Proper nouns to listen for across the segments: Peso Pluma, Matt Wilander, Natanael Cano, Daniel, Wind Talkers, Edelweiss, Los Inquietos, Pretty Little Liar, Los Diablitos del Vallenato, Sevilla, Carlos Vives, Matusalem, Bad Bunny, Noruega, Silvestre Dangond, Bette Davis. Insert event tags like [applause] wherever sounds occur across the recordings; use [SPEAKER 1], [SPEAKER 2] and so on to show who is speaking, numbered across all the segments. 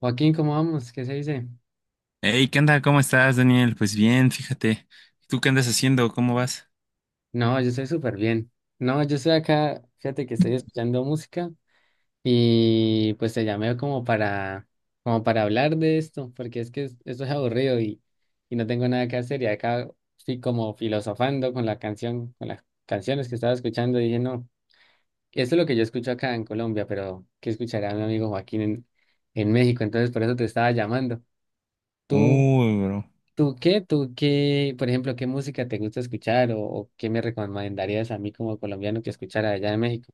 [SPEAKER 1] Joaquín, ¿cómo vamos? ¿Qué se dice?
[SPEAKER 2] Hey, ¿qué onda? ¿Cómo estás, Daniel? Pues bien, fíjate. ¿Tú qué andas haciendo? ¿Cómo vas?
[SPEAKER 1] No, yo estoy súper bien. No, yo estoy acá, fíjate que estoy escuchando música y pues te llamé como para hablar de esto, porque es que esto es aburrido y no tengo nada que hacer y acá estoy como filosofando con la canción, con las canciones que estaba escuchando y dije, no, esto es lo que yo escucho acá en Colombia, pero ¿qué escuchará mi amigo Joaquín en México? Entonces por eso te estaba llamando. ¿Tú?
[SPEAKER 2] Uy, bro.
[SPEAKER 1] ¿Tú qué? Por ejemplo, ¿qué música te gusta escuchar o qué me recomendarías a mí como colombiano que escuchara allá en México?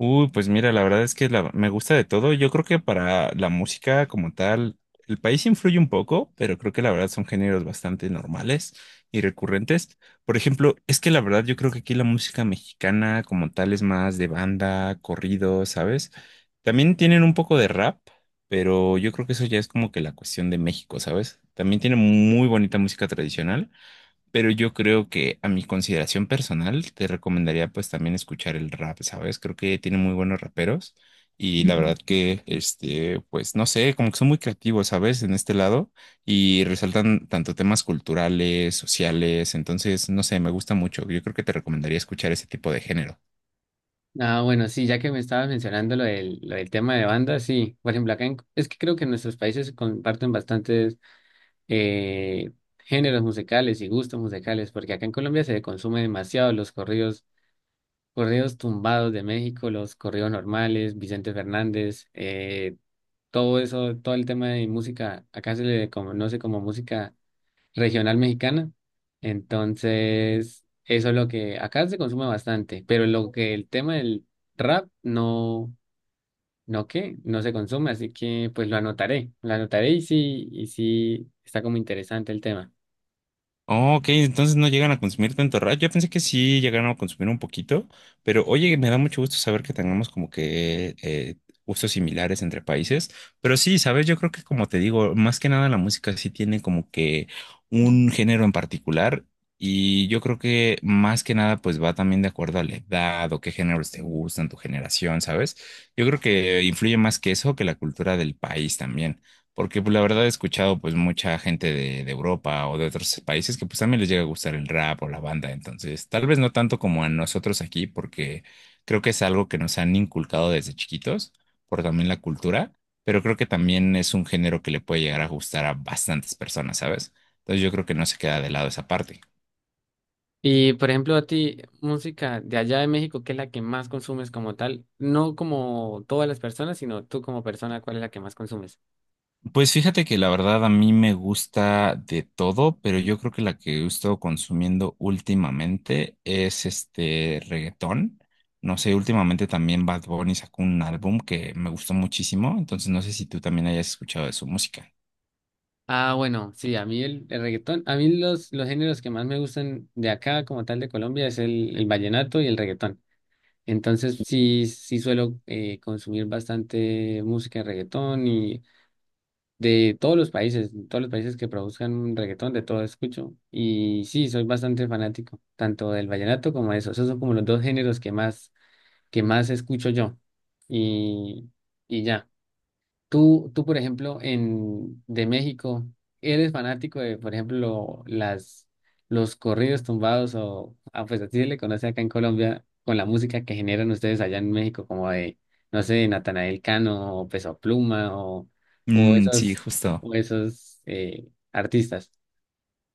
[SPEAKER 2] Pues mira, la verdad es que me gusta de todo. Yo creo que para la música como tal, el país influye un poco, pero creo que la verdad son géneros bastante normales y recurrentes. Por ejemplo, es que la verdad yo creo que aquí la música mexicana como tal es más de banda, corrido, ¿sabes? También tienen un poco de rap, pero yo creo que eso ya es como que la cuestión de México, ¿sabes? También tienen muy bonita música tradicional. Pero yo creo que a mi consideración personal te recomendaría pues también escuchar el rap, ¿sabes? Creo que tiene muy buenos raperos y la Ujú. Verdad que, pues no sé, como que son muy creativos, ¿sabes? En este lado y resaltan tanto temas culturales, sociales, entonces, no sé, me gusta mucho. Yo creo que te recomendaría escuchar ese tipo de género.
[SPEAKER 1] Ah, bueno, sí, ya que me estabas mencionando lo del tema de bandas, sí. Por ejemplo, es que creo que nuestros países comparten bastantes eh, géneros musicales y gustos musicales, porque acá en Colombia se consume demasiado los corridos, corridos tumbados de México, los corridos normales, Vicente Fernández, todo eso, todo el tema de música, acá se le conoce como música regional mexicana. Entonces, eso es lo que acá se consume bastante, pero lo que el tema del rap no, no que, no se consume, así que pues lo anotaré y sí está como interesante el tema.
[SPEAKER 2] Oh, ok, entonces no llegan a consumir tanto rap. Yo pensé que sí llegaron a consumir un poquito, pero oye, me da mucho gusto saber que tengamos como que gustos similares entre países. Pero sí, sabes, yo creo que como te digo, más que nada la música sí tiene como que un género en particular y yo creo que más que nada pues va también de acuerdo a la edad o qué géneros te gustan, tu generación, ¿sabes? Yo creo que influye más que eso que la cultura del país también. Porque pues, la verdad he escuchado pues mucha gente de Europa o de otros países que pues también les llega a gustar el rap o la banda. Entonces, tal vez no tanto como a nosotros aquí, porque creo que es algo que nos han inculcado desde chiquitos por también la cultura, pero creo que también es un género que le puede llegar a gustar a bastantes personas, ¿sabes? Entonces yo creo que no se queda de lado esa parte.
[SPEAKER 1] Y por ejemplo, a ti, música de allá de México, ¿qué es la que más consumes como tal? No como todas las personas, sino tú como persona, ¿cuál es la que más consumes?
[SPEAKER 2] Pues fíjate que la verdad a mí me gusta de todo, pero yo creo que la que he estado consumiendo últimamente es este reggaetón. No sé, últimamente también Bad Bunny sacó un álbum que me gustó muchísimo, entonces no sé si tú también hayas escuchado de su música.
[SPEAKER 1] Ah, bueno, sí, a mí el reggaetón, a mí los géneros que más me gustan de acá, como tal de Colombia, es el vallenato y el reggaetón. Entonces sí, sí suelo consumir bastante música de reggaetón y de todos los países que produzcan reggaetón, de todo escucho. Y sí, soy bastante fanático, tanto del vallenato como de eso. Esos son como los dos géneros que más escucho yo. Y, y ya. Tú, por ejemplo, en de México, ¿eres fanático de, por ejemplo, las los corridos tumbados o ah, pues así se le conoce acá en Colombia con la música que generan ustedes allá en México, como de, no sé, Natanael Cano o Peso Pluma o
[SPEAKER 2] Mm, sí,
[SPEAKER 1] esos,
[SPEAKER 2] justo.
[SPEAKER 1] o esos artistas?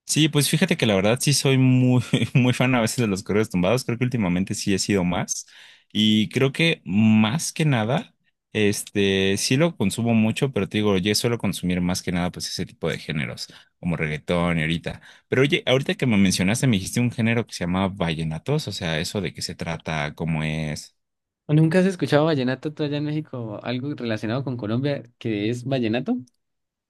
[SPEAKER 2] Sí, pues fíjate que la verdad sí soy muy, [laughs] muy fan a veces de los correos tumbados. Creo que últimamente sí he sido más. Y creo que más que nada, sí lo consumo mucho, pero te digo, yo suelo consumir más que nada pues ese tipo de géneros, como reggaetón y ahorita. Pero oye, ahorita que me mencionaste, me dijiste un género que se llama vallenatos, o sea, eso de qué se trata, cómo es.
[SPEAKER 1] ¿O ¿Nunca has escuchado vallenato tú allá en México? ¿Algo relacionado con Colombia que es vallenato?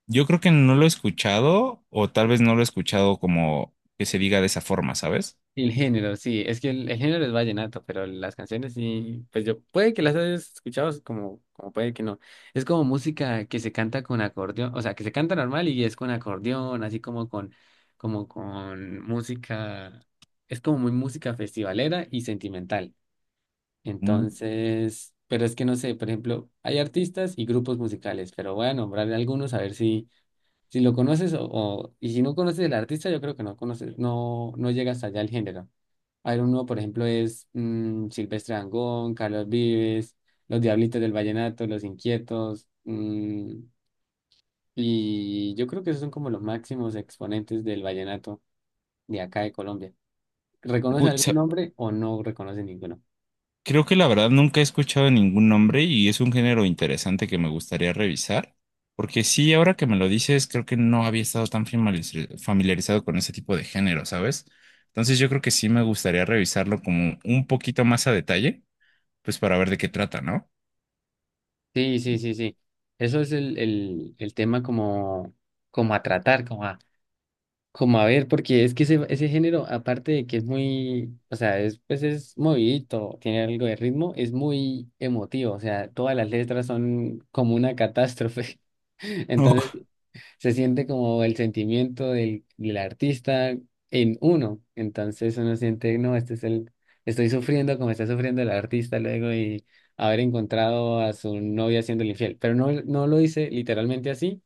[SPEAKER 2] Yo creo que no lo he escuchado, o tal vez no lo he escuchado como que se diga de esa forma, ¿sabes?
[SPEAKER 1] El género, sí, es que el género es vallenato, pero las canciones sí, pues yo, puede que las hayas escuchado, es como, como puede que no. Es como música que se canta con acordeón, o sea, que se canta normal y es con acordeón, así como con música, es como muy música festivalera y sentimental.
[SPEAKER 2] Mm.
[SPEAKER 1] Entonces, pero es que no sé, por ejemplo, hay artistas y grupos musicales, pero voy a nombrar algunos a ver si lo conoces y si no conoces el artista, yo creo que no conoces, no, no llegas allá al género. Iron uno, por ejemplo, es Silvestre Dangond, Carlos Vives, Los Diablitos del Vallenato, Los Inquietos, y yo creo que esos son como los máximos exponentes del vallenato de acá de Colombia. ¿Reconoce
[SPEAKER 2] Uy,
[SPEAKER 1] algún
[SPEAKER 2] sa-
[SPEAKER 1] nombre o no reconoce ninguno?
[SPEAKER 2] Creo que la verdad nunca he escuchado ningún nombre y es un género interesante que me gustaría revisar, porque sí, ahora que me lo dices, creo que no había estado tan familiarizado con ese tipo de género, ¿sabes? Entonces yo creo que sí me gustaría revisarlo como un poquito más a detalle, pues para ver de qué trata, ¿no?
[SPEAKER 1] Sí, sí, sí, sí. Eso es el tema como, como a tratar, como a Como a ver, porque es que ese género, aparte de que es muy, o sea, es, pues es movidito, tiene algo de ritmo, es muy emotivo, o sea, todas las letras son como una catástrofe. [laughs] Entonces,
[SPEAKER 2] [laughs]
[SPEAKER 1] se siente como el sentimiento del artista en uno. Entonces uno siente, no, este es el, estoy sufriendo como está sufriendo el artista luego y haber encontrado a su novia siendo infiel. Pero no, no lo dice literalmente así,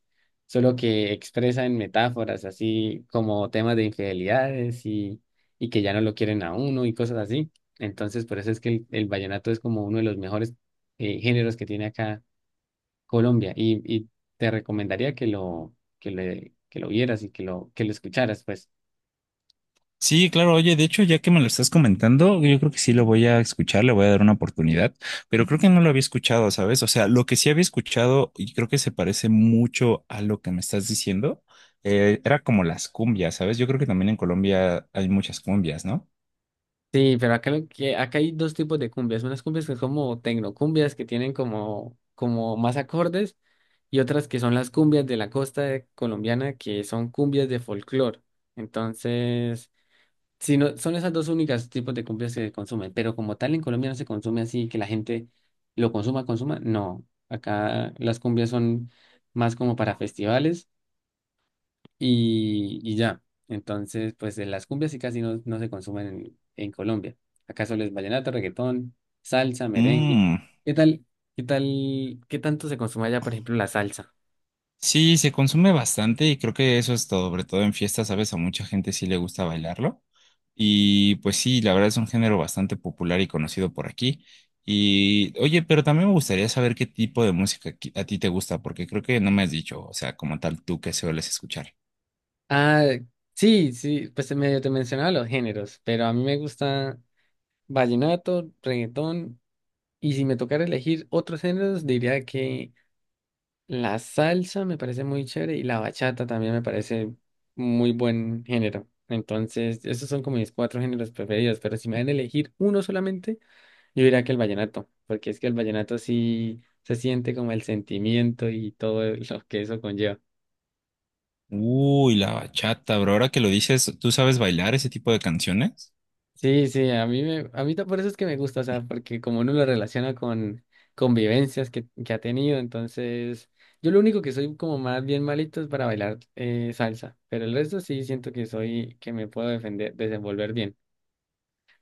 [SPEAKER 1] solo que expresa en metáforas, así como temas de infidelidades y que ya no lo quieren a uno y cosas así. Entonces, por eso es que el vallenato es como uno de los mejores géneros que tiene acá Colombia y te recomendaría que lo, que le, que lo vieras y que lo escucharas, pues.
[SPEAKER 2] Sí, claro, oye, de hecho, ya que me lo estás comentando, yo creo que sí lo voy a escuchar, le voy a dar una oportunidad, pero creo que no lo había escuchado, ¿sabes? O sea, lo que sí había escuchado y creo que se parece mucho a lo que me estás diciendo, era como las cumbias, ¿sabes? Yo creo que también en Colombia hay muchas cumbias, ¿no?
[SPEAKER 1] Sí, pero acá, lo que, acá hay dos tipos de cumbias. Unas cumbias que son como tecnocumbias, que tienen como, como más acordes, y otras que son las cumbias de la costa colombiana, que son cumbias de folclore. Entonces, si no, son esas dos únicas tipos de cumbias que se consumen, pero como tal en Colombia no se consume así, que la gente lo consuma, consuma, no. Acá las cumbias son más como para festivales y ya. Entonces, pues de las cumbias sí casi no, no se consumen en Colombia. Acá solo es vallenato, reggaetón, salsa, merengue. ¿Qué tal? ¿Qué tal? ¿Qué tanto se consume allá, por ejemplo, la salsa?
[SPEAKER 2] Sí, se consume bastante y creo que eso es todo, sobre todo en fiestas, ¿sabes? A mucha gente sí le gusta bailarlo. Y pues sí, la verdad es un género bastante popular y conocido por aquí. Y oye, pero también me gustaría saber qué tipo de música a ti te gusta, porque creo que no me has dicho, o sea, como tal, tú qué sueles escuchar.
[SPEAKER 1] Ah, sí, sí, pues medio te mencionaba los géneros, pero a mí me gusta vallenato, reggaetón, y si me tocara elegir otros géneros, diría que la salsa me parece muy chévere y la bachata también me parece muy buen género. Entonces, esos son como mis cuatro géneros preferidos, pero si me dan a elegir uno solamente, yo diría que el vallenato, porque es que el vallenato sí se siente como el sentimiento y todo [laughs] lo que eso conlleva.
[SPEAKER 2] Uy, la bachata, bro, ahora que lo dices, ¿tú sabes bailar ese tipo de canciones?
[SPEAKER 1] Sí, sí, a mí me, por eso es que me gusta, o sea, porque como uno lo relaciona con convivencias que ha tenido, entonces yo lo único que soy como más bien malito es para bailar salsa, pero el resto sí siento que soy, que me puedo defender, desenvolver bien.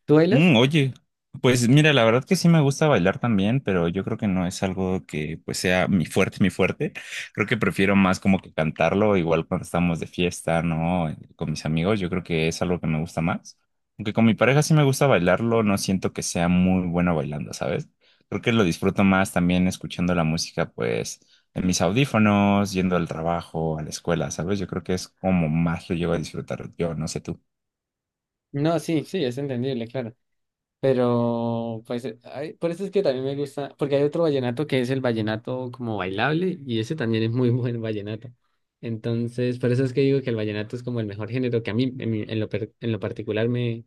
[SPEAKER 1] ¿Tú bailas?
[SPEAKER 2] Mm, oye, pues mira, la verdad que sí me gusta bailar también, pero yo creo que no es algo que pues sea mi fuerte. Creo que prefiero más como que cantarlo, igual cuando estamos de fiesta, ¿no? Con mis amigos, yo creo que es algo que me gusta más. Aunque con mi pareja sí me gusta bailarlo, no siento que sea muy bueno bailando, ¿sabes? Creo que lo disfruto más también escuchando la música, pues, en mis audífonos, yendo al trabajo, a la escuela, ¿sabes? Yo creo que es como más lo llevo a disfrutar yo, no sé tú.
[SPEAKER 1] No, sí, sí, es entendible, claro. Pero, pues, ay, por eso es que también me gusta, porque hay otro vallenato que es el vallenato como bailable, y ese también es muy [laughs] buen vallenato. Entonces, por eso es que digo que el vallenato es como el mejor género que a mí, en lo, en lo particular, me,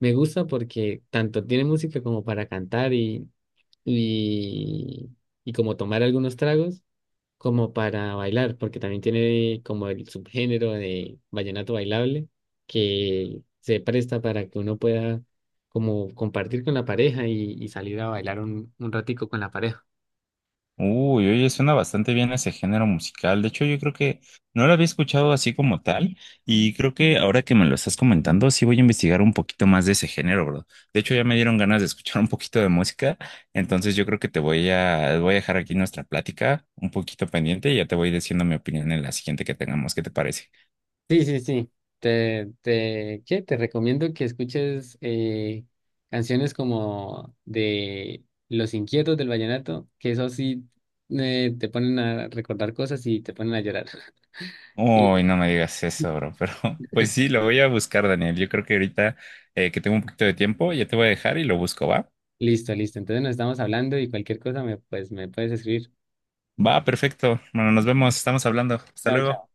[SPEAKER 1] me gusta porque tanto tiene música como para cantar y, y como tomar algunos tragos como para bailar, porque también tiene como el subgénero de vallenato bailable que se presta para que uno pueda como compartir con la pareja y salir a bailar un ratico con la pareja.
[SPEAKER 2] Uy, oye, suena bastante bien ese género musical. De hecho, yo creo que no lo había escuchado así como tal y creo que ahora que me lo estás comentando, sí voy a investigar un poquito más de ese género, bro. De hecho, ya me dieron ganas de escuchar un poquito de música, entonces yo creo que te voy voy a dejar aquí nuestra plática un poquito pendiente y ya te voy diciendo mi opinión en la siguiente que tengamos. ¿Qué te parece?
[SPEAKER 1] Sí, sí, sí. Te, ¿qué? Te recomiendo que escuches canciones como de Los Inquietos del Vallenato, que eso sí te ponen a recordar cosas y te ponen a llorar.
[SPEAKER 2] Uy,
[SPEAKER 1] [laughs]
[SPEAKER 2] no me digas eso, bro, pero [laughs] pues
[SPEAKER 1] Y
[SPEAKER 2] sí, lo voy a buscar, Daniel. Yo creo que ahorita que tengo un poquito de tiempo, ya te voy a dejar y lo busco, ¿va?
[SPEAKER 1] listo, listo. Entonces nos estamos hablando y cualquier cosa me, pues, me puedes escribir.
[SPEAKER 2] Va, perfecto. Bueno, nos vemos, estamos hablando. Hasta
[SPEAKER 1] Chao,
[SPEAKER 2] luego.
[SPEAKER 1] chao.